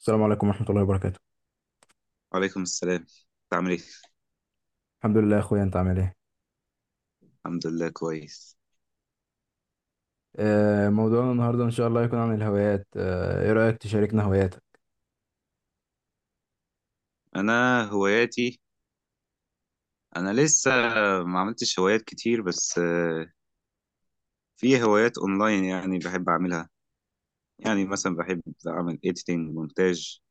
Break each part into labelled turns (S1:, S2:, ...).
S1: السلام عليكم ورحمة الله وبركاته.
S2: وعليكم السلام. انت عامل ايه؟
S1: الحمد لله يا اخويا، انت عامل ايه؟
S2: الحمد لله، كويس.
S1: موضوعنا النهاردة ان شاء الله يكون عن الهوايات. ايه رأيك تشاركنا هواياتك؟
S2: انا هواياتي، انا لسه ما عملتش هوايات كتير، بس في هوايات اونلاين يعني بحب اعملها. يعني مثلا بحب اعمل ايديتنج مونتاج.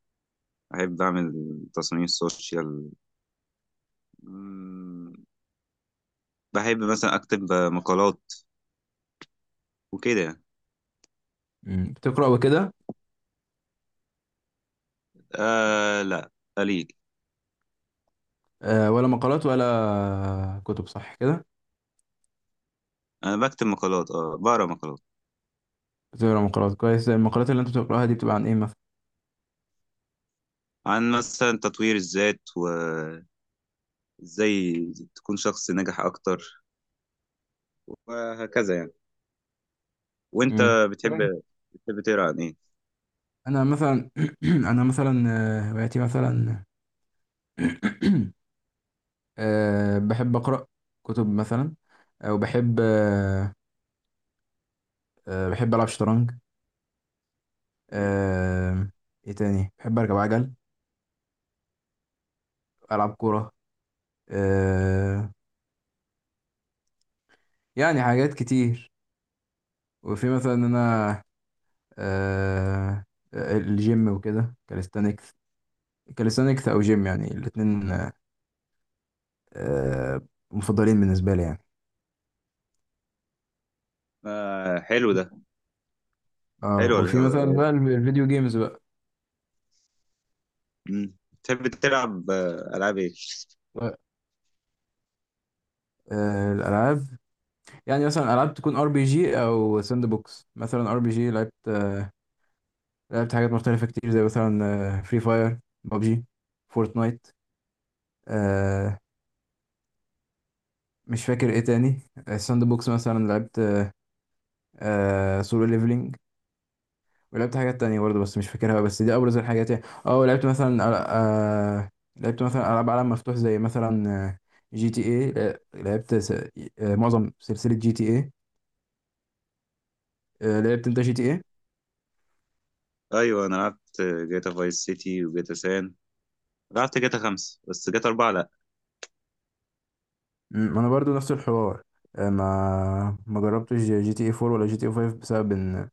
S2: بحب اعمل تصميم سوشيال. مم، بحب مثلا اكتب مقالات وكده.
S1: بتقرأ وكده؟
S2: آه، لا، قليل.
S1: ولا مقالات ولا كتب، صح كده؟
S2: انا بكتب مقالات، بقرا مقالات
S1: بتقرأ مقالات؟ كويس. المقالات اللي انت بتقرأها دي بتبقى عن ايه مثلا؟
S2: عن مثلا تطوير الذات، وازاي تكون شخص ناجح اكتر، وهكذا يعني. وانت
S1: مم.
S2: بتحب
S1: طيب.
S2: بتحب تقرا عن ايه؟
S1: انا مثلا انا مثلا، هواياتي مثلا. بحب اقرا كتب مثلا، او بحب بحب العب شطرنج. آه، ايه تاني؟ بحب اركب عجل، العب كوره. آه يعني حاجات كتير. وفي مثلا إن انا، آه الجيم وكده، كاليستانكس. كاليستانكس او جيم، يعني الاتنين آه مفضلين بالنسبة لي يعني.
S2: آه، حلو ده.
S1: اه،
S2: حلو، اللي
S1: وفي مثلا
S2: هو
S1: بقى الفيديو جيمز بقى.
S2: بتحب تلعب العاب ايه؟
S1: الالعاب يعني مثلا العاب تكون ار بي جي او ساند بوكس. مثلا ار بي جي، لعبت لعبت حاجات مختلفة كتير، زي مثلا فري فاير، بابجي، فورتنايت. Free Fire، PUBG، Fortnite. مش فاكر ايه تاني. الساند بوكس مثلا لعبت سولو ليفلينج. ولعبت حاجات تانية برضه بس مش فاكرها، بس دي ابرز الحاجات يعني. اه، لعبت مثلا، آه لعبت مثلا العاب عالم مفتوح زي مثلا، جي تي اي. لعبت س... معظم سلسلة جي تي اي. لعبت انت جي تي اي؟
S2: ايوه، انا لعبت جاتا فايس سيتي وجاتا سان. لعبت جاتا 5، بس جاتا 4 لأ.
S1: ما انا برضه نفس الحوار. ما جربتش جي تي اي 4 ولا جي تي اي 5، بسبب ان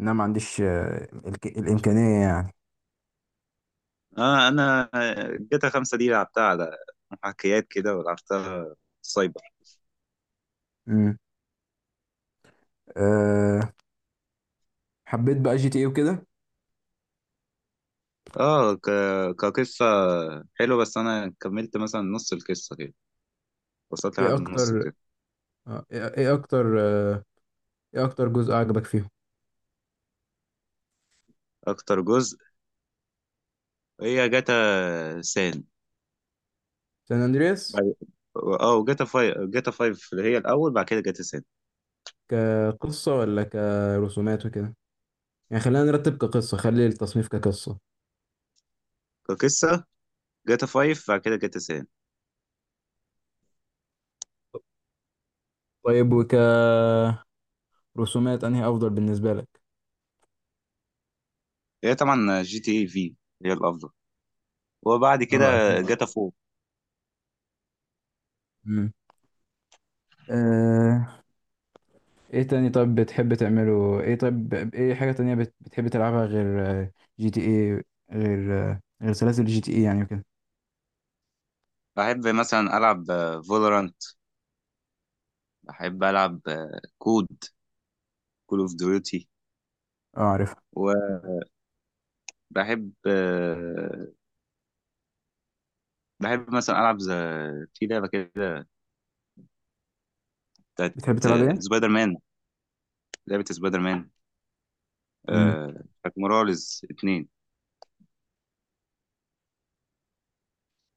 S1: انا ما عنديش الامكانية يعني.
S2: أنا جاتا 5 دي لعبتها على محاكيات كده، ولعبتها سايبر.
S1: مم. آه حبيت بقى جي تي اي وكده.
S2: آه ك... كقصة حلوة، بس أنا كملت مثلا نص القصة كده، وصلت
S1: ايه
S2: لحد النص
S1: اكتر
S2: كده.
S1: آه، ايه إيه اكتر آه، ايه اكتر جزء عجبك فيهم؟
S2: أكتر جزء هي جاتا سان.
S1: سان اندرياس؟
S2: بعد- اه وجاتا فايف، جاتا فايف اللي هي الأول، بعد كده جاتا سان.
S1: كقصة ولا كرسومات وكده؟ يعني خلينا نرتب، كقصة، خلي التصنيف كقصة.
S2: كقصة، جاتا 5 بعد كده جاتا سان.
S1: طيب، وكرسومات، انهي افضل بالنسبة لك؟
S2: هي طبعا جي تي اي في هي الأفضل، وبعد كده
S1: اه اكيد.
S2: جاتا 4.
S1: امم آه، ايه تاني طيب بتحب تعمله؟ ايه طيب ايه حاجة تانية بتحب تلعبها غير جي تي ايه؟ غير غير سلاسل جي تي ايه يعني وكده.
S2: بحب مثلا ألعب فولورانت. بحب ألعب كود، كول أوف ديوتي.
S1: اه عارفها.
S2: وبحب آه، بحب مثلا ألعب في لعبة كده بتاعت
S1: بتحب تلعب ايه؟
S2: سبايدر مان. لعبة سبايدر مان،
S1: امم
S2: آه، بتاعت موراليز 2.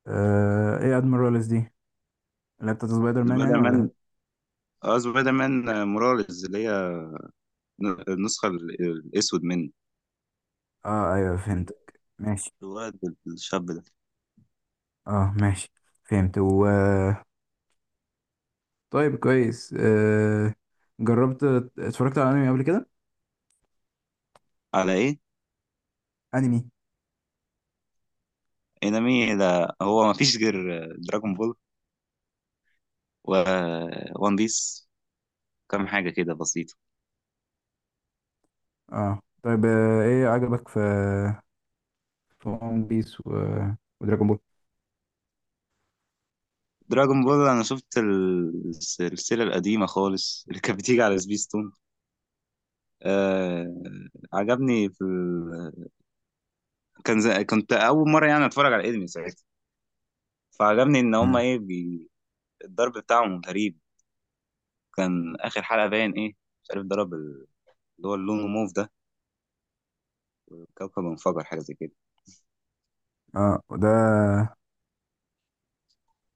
S1: ايه ادميرالز دي، اللي هي بتاعت سبايدر مان
S2: سبايدر
S1: يعني؟
S2: مان
S1: ولا؟
S2: اه سبايدر مان، موراليز اللي هي النسخة الأسود منه.
S1: اه ايوه فهمتك، ماشي.
S2: الواد، الشاب ده.
S1: اه ماشي، فهمت. طيب كويس. جربت، اتفرجت على انمي قبل كده؟
S2: على ايه؟
S1: انمي.
S2: انمي، ده هو ما فيش غير دراجون بول، وون بيس، كام حاجة كده بسيطة.
S1: اه طيب، ايه عجبك في في ون بيس ودراجون بول؟
S2: دراجون بول أنا شفت السلسلة القديمة خالص اللي كانت بتيجي على سبيستون. آه عجبني في كنت أول مرة يعني أتفرج على الأنمي ساعتها. فعجبني إن هما
S1: مم.
S2: الضرب بتاعهم غريب. كان آخر حلقة باين إيه، مش عارف ضرب اللي هو اللون موف ده، الكوكب انفجر، حاجة زي كده.
S1: اه وده،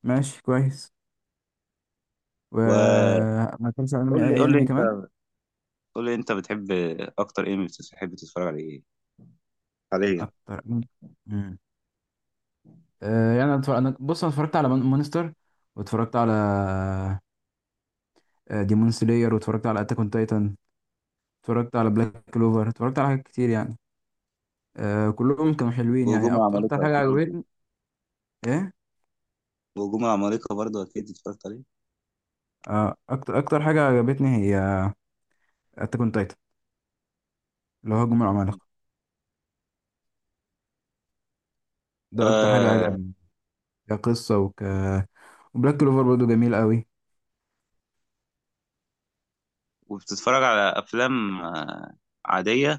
S1: ماشي كويس. و
S2: وقول
S1: ما اتفرجتش على انمي، اي
S2: لي
S1: أي
S2: قول لي
S1: انمي كمان؟
S2: أنت قول لي أنت بتحب، أكتر أنمي بتحب تتفرج على إيه حاليا؟
S1: اكتر. مم. يعني أنا اتفرج... انا بص انا اتفرجت على مونستر، واتفرجت على ديمون سلاير، واتفرجت على اتاك اون تايتن، اتفرجت على بلاك كلوفر، اتفرجت على حاجات كتير يعني. كلهم كانوا حلوين يعني.
S2: وهجوم
S1: اكتر
S2: العمالقة
S1: حاجة
S2: أكيد
S1: عجبتني، ايه،
S2: وهجوم العمالقة برضه أكيد اتفرجت عليه.
S1: اكتر حاجه عجبتني هي اتاك اون تايتن، اللي هو هجوم العمالقه.
S2: مم.
S1: ده اكتر حاجه
S2: آه
S1: عجبني كقصه وبلاك كلوفر برضه جميل قوي.
S2: وبتتفرج على أفلام عادية،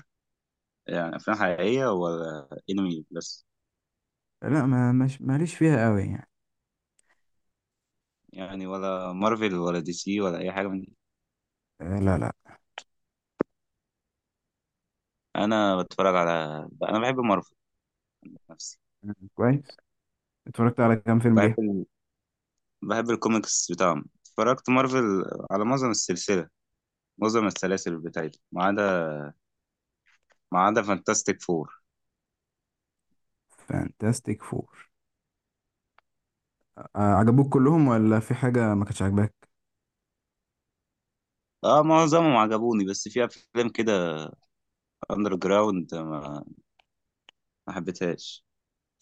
S2: يعني أفلام حقيقية ولا أنمي بس؟
S1: لا، ما مش ماليش فيها قوي يعني.
S2: يعني ولا مارفل ولا دي سي ولا أي حاجة من دي؟
S1: لا لا.
S2: أنا بتفرج على أنا بحب مارفل نفسي.
S1: كويس. اتفرجت على كام فيلم
S2: بحب
S1: ليها؟
S2: ال... بحب الكوميكس بتاعهم، اتفرجت مارفل على معظم السلسلة، معظم السلاسل بتاعتي، ما عدا فانتاستيك فور.
S1: فانتاستيك فور. عجبوك كلهم ولا في حاجه ما كانتش عاجباك؟
S2: اه، معظمهم عجبوني، بس في افلام كده اندر جراوند ما حبيتهاش،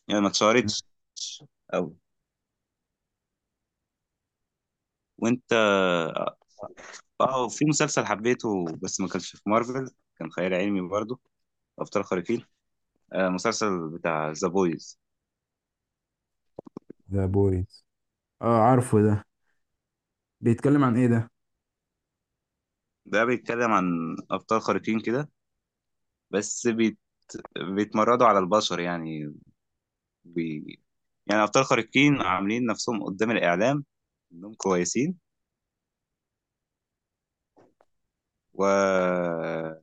S2: يعني ما اتشهرتش أوي. وانت؟ اه، في مسلسل حبيته بس ما كانش في مارفل، كان خيال علمي برضه، ابطال خارقين. مسلسل بتاع ذا بويز.
S1: ذا بويز؟ اه عارفه ده. بيتكلم عن ايه ده؟
S2: ده بيتكلم عن ابطال خارقين كده، بس بيتمردوا على البشر، يعني بي... يعني ابطال خارقين عاملين نفسهم قدام الاعلام انهم كويسين، والابطال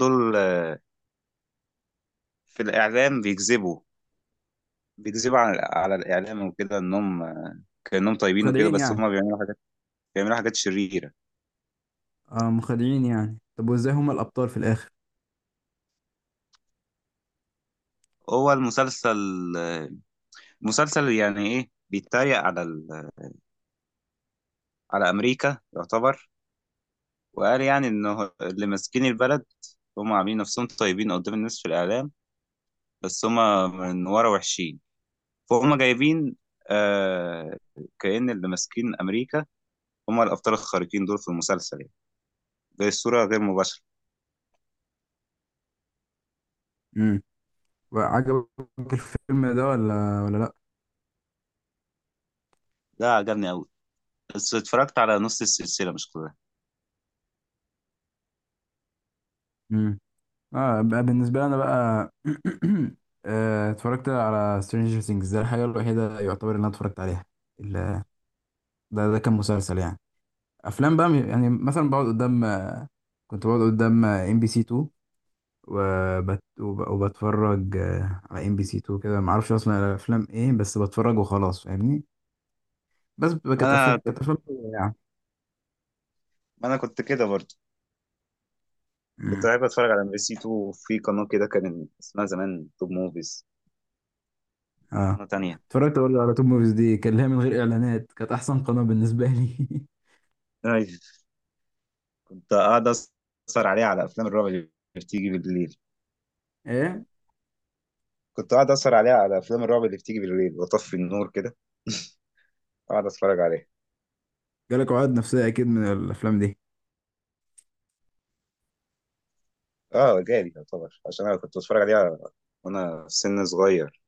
S2: دول في الاعلام بيكذبوا على الإعلام وكده، إنهم كأنهم طيبين وكده،
S1: مخادعين
S2: بس
S1: يعني؟
S2: هما بيعملوا حاجات شريرة.
S1: اه مخادعين يعني. طب وازاي هما الابطال في الاخر؟
S2: هو المسلسل، آه، مسلسل يعني إيه، بيتريق على أمريكا يعتبر، وقال يعني إنه اللي ماسكين البلد هما عاملين نفسهم طيبين قدام الناس في الإعلام، بس هما من ورا وحشين. فهم جايبين، آه كأن اللي ماسكين أمريكا هما الأبطال الخارقين دول في المسلسل، يعني. دي الصورة غير مباشرة.
S1: امم، وعجبك الفيلم ده ولا ولا؟
S2: ده عجبني أوي، بس اتفرجت على نص السلسلة مش كلها.
S1: لا. اه بقى بالنسبه لي انا بقى، اتفرجت على سترينجر ثينجز. ده الحاجه الوحيده يعتبر اللي انا اتفرجت عليها. ال- ده كان مسلسل يعني. افلام بقى يعني مثلا بقعد قدام كنت بقعد قدام ام بي سي 2، وبتفرج على ام بي سي 2 كده. ما اعرفش اصلا الافلام ايه، بس بتفرج وخلاص، فاهمني؟ بس بتبقى،
S2: ما
S1: كانت
S2: انا
S1: كانت
S2: كنت
S1: افلام حلوة يعني.
S2: ما انا كنت كده برضه. كنت
S1: مم.
S2: بحب اتفرج على ام بي سي 2، في قناه كده كان اسمها زمان توب موفيز،
S1: اه،
S2: قناه تانية.
S1: اتفرجت برضه على توب موفيز دي، كان ليها من غير اعلانات، كانت احسن قناه بالنسبه لي.
S2: أيوة. كنت قاعد اسهر عليها على افلام الرعب اللي بتيجي بالليل
S1: ايه،
S2: كنت قاعد اسهر عليها على افلام الرعب اللي بتيجي بالليل، واطفي النور كده، اقعد اتفرج عليها.
S1: جالك عقد نفسية أكيد من الأفلام دي.
S2: اه، جالي يعتبر، عشان انا كنت بتفرج عليها وانا في سن صغير.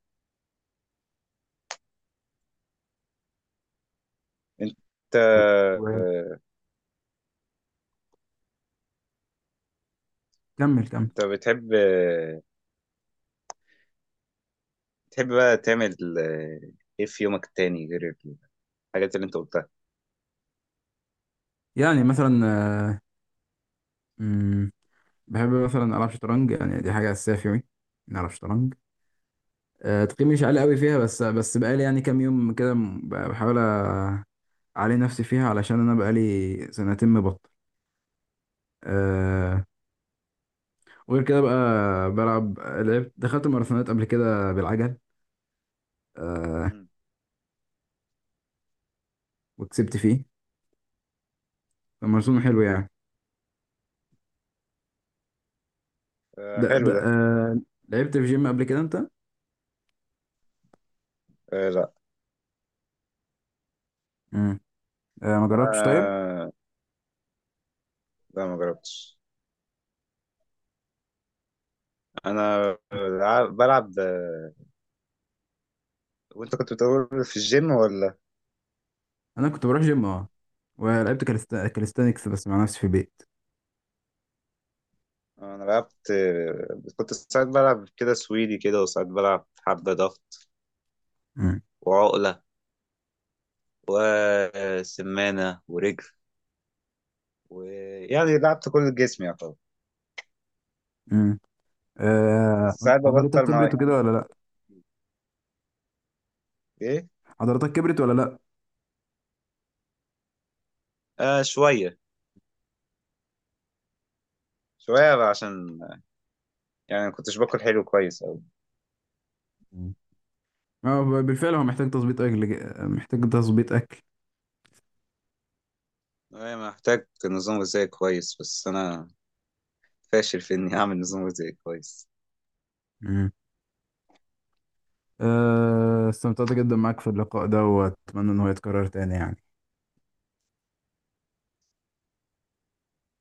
S2: انت
S1: و- و-
S2: آه،
S1: كمل كمل.
S2: انت بتحب بقى تعمل ايه في يومك التاني غير الحاجات اللي انت قلتها؟
S1: يعني مثلا، آه، مم، بحب مثلا ألعب شطرنج، يعني دي حاجة أساسية في يومي، إني ألعب شطرنج. تقييمي مش عالي قوي فيها، بس بقالي يعني كام يوم كده، بحاول أعلي نفسي فيها، علشان أنا بقالي سنتين مبطل. آه، وغير كده بقى، لعبت، دخلت ماراثونات قبل كده بالعجل، آه،
S2: مم.
S1: وكسبت فيه. الماراثون حلو يعني.
S2: آه،
S1: ده ده
S2: حلو ده.
S1: آه، لعبت في جيم قبل كده أنت؟
S2: آه، لا.
S1: مم. ما جربتش طيب؟
S2: انا لا، ما جربتش. انا بلعب، وانت كنت بتقول في الجيم ولا؟
S1: انا كنت بروح جيم، اه، ولعبت كاليستانكس بس مع نفسي في البيت.
S2: انا لعبت آه، كنت ساعات بلعب كده سويدي كده، وساعات بلعب حبة ضغط،
S1: مم.
S2: وعقلة، وسمانة ورجل، ويعني لعبت كل جسمي يعتبر.
S1: مم. آه،
S2: بس ساعات
S1: عضلاتك
S2: ببطل، مع،
S1: كبرت وكده
S2: يعني.
S1: ولا لا؟
S2: ايه؟
S1: عضلاتك كبرت ولا لا؟
S2: شوية، شوية بقى، عشان يعني ما كنتش باكل حلو كويس أوي.
S1: مم. اه، بالفعل هو محتاج تظبيط اكل، محتاج تظبيط اكل.
S2: أنا محتاج نظام غذائي كويس، بس أنا فاشل في إني أعمل نظام غذائي كويس.
S1: مم. استمتعت جدا معاك في اللقاء ده، واتمنى ان هو يتكرر تاني يعني.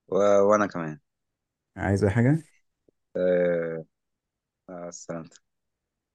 S2: و... وانا كمان.
S1: عايز اي حاجة؟
S2: أه... مع السلامة.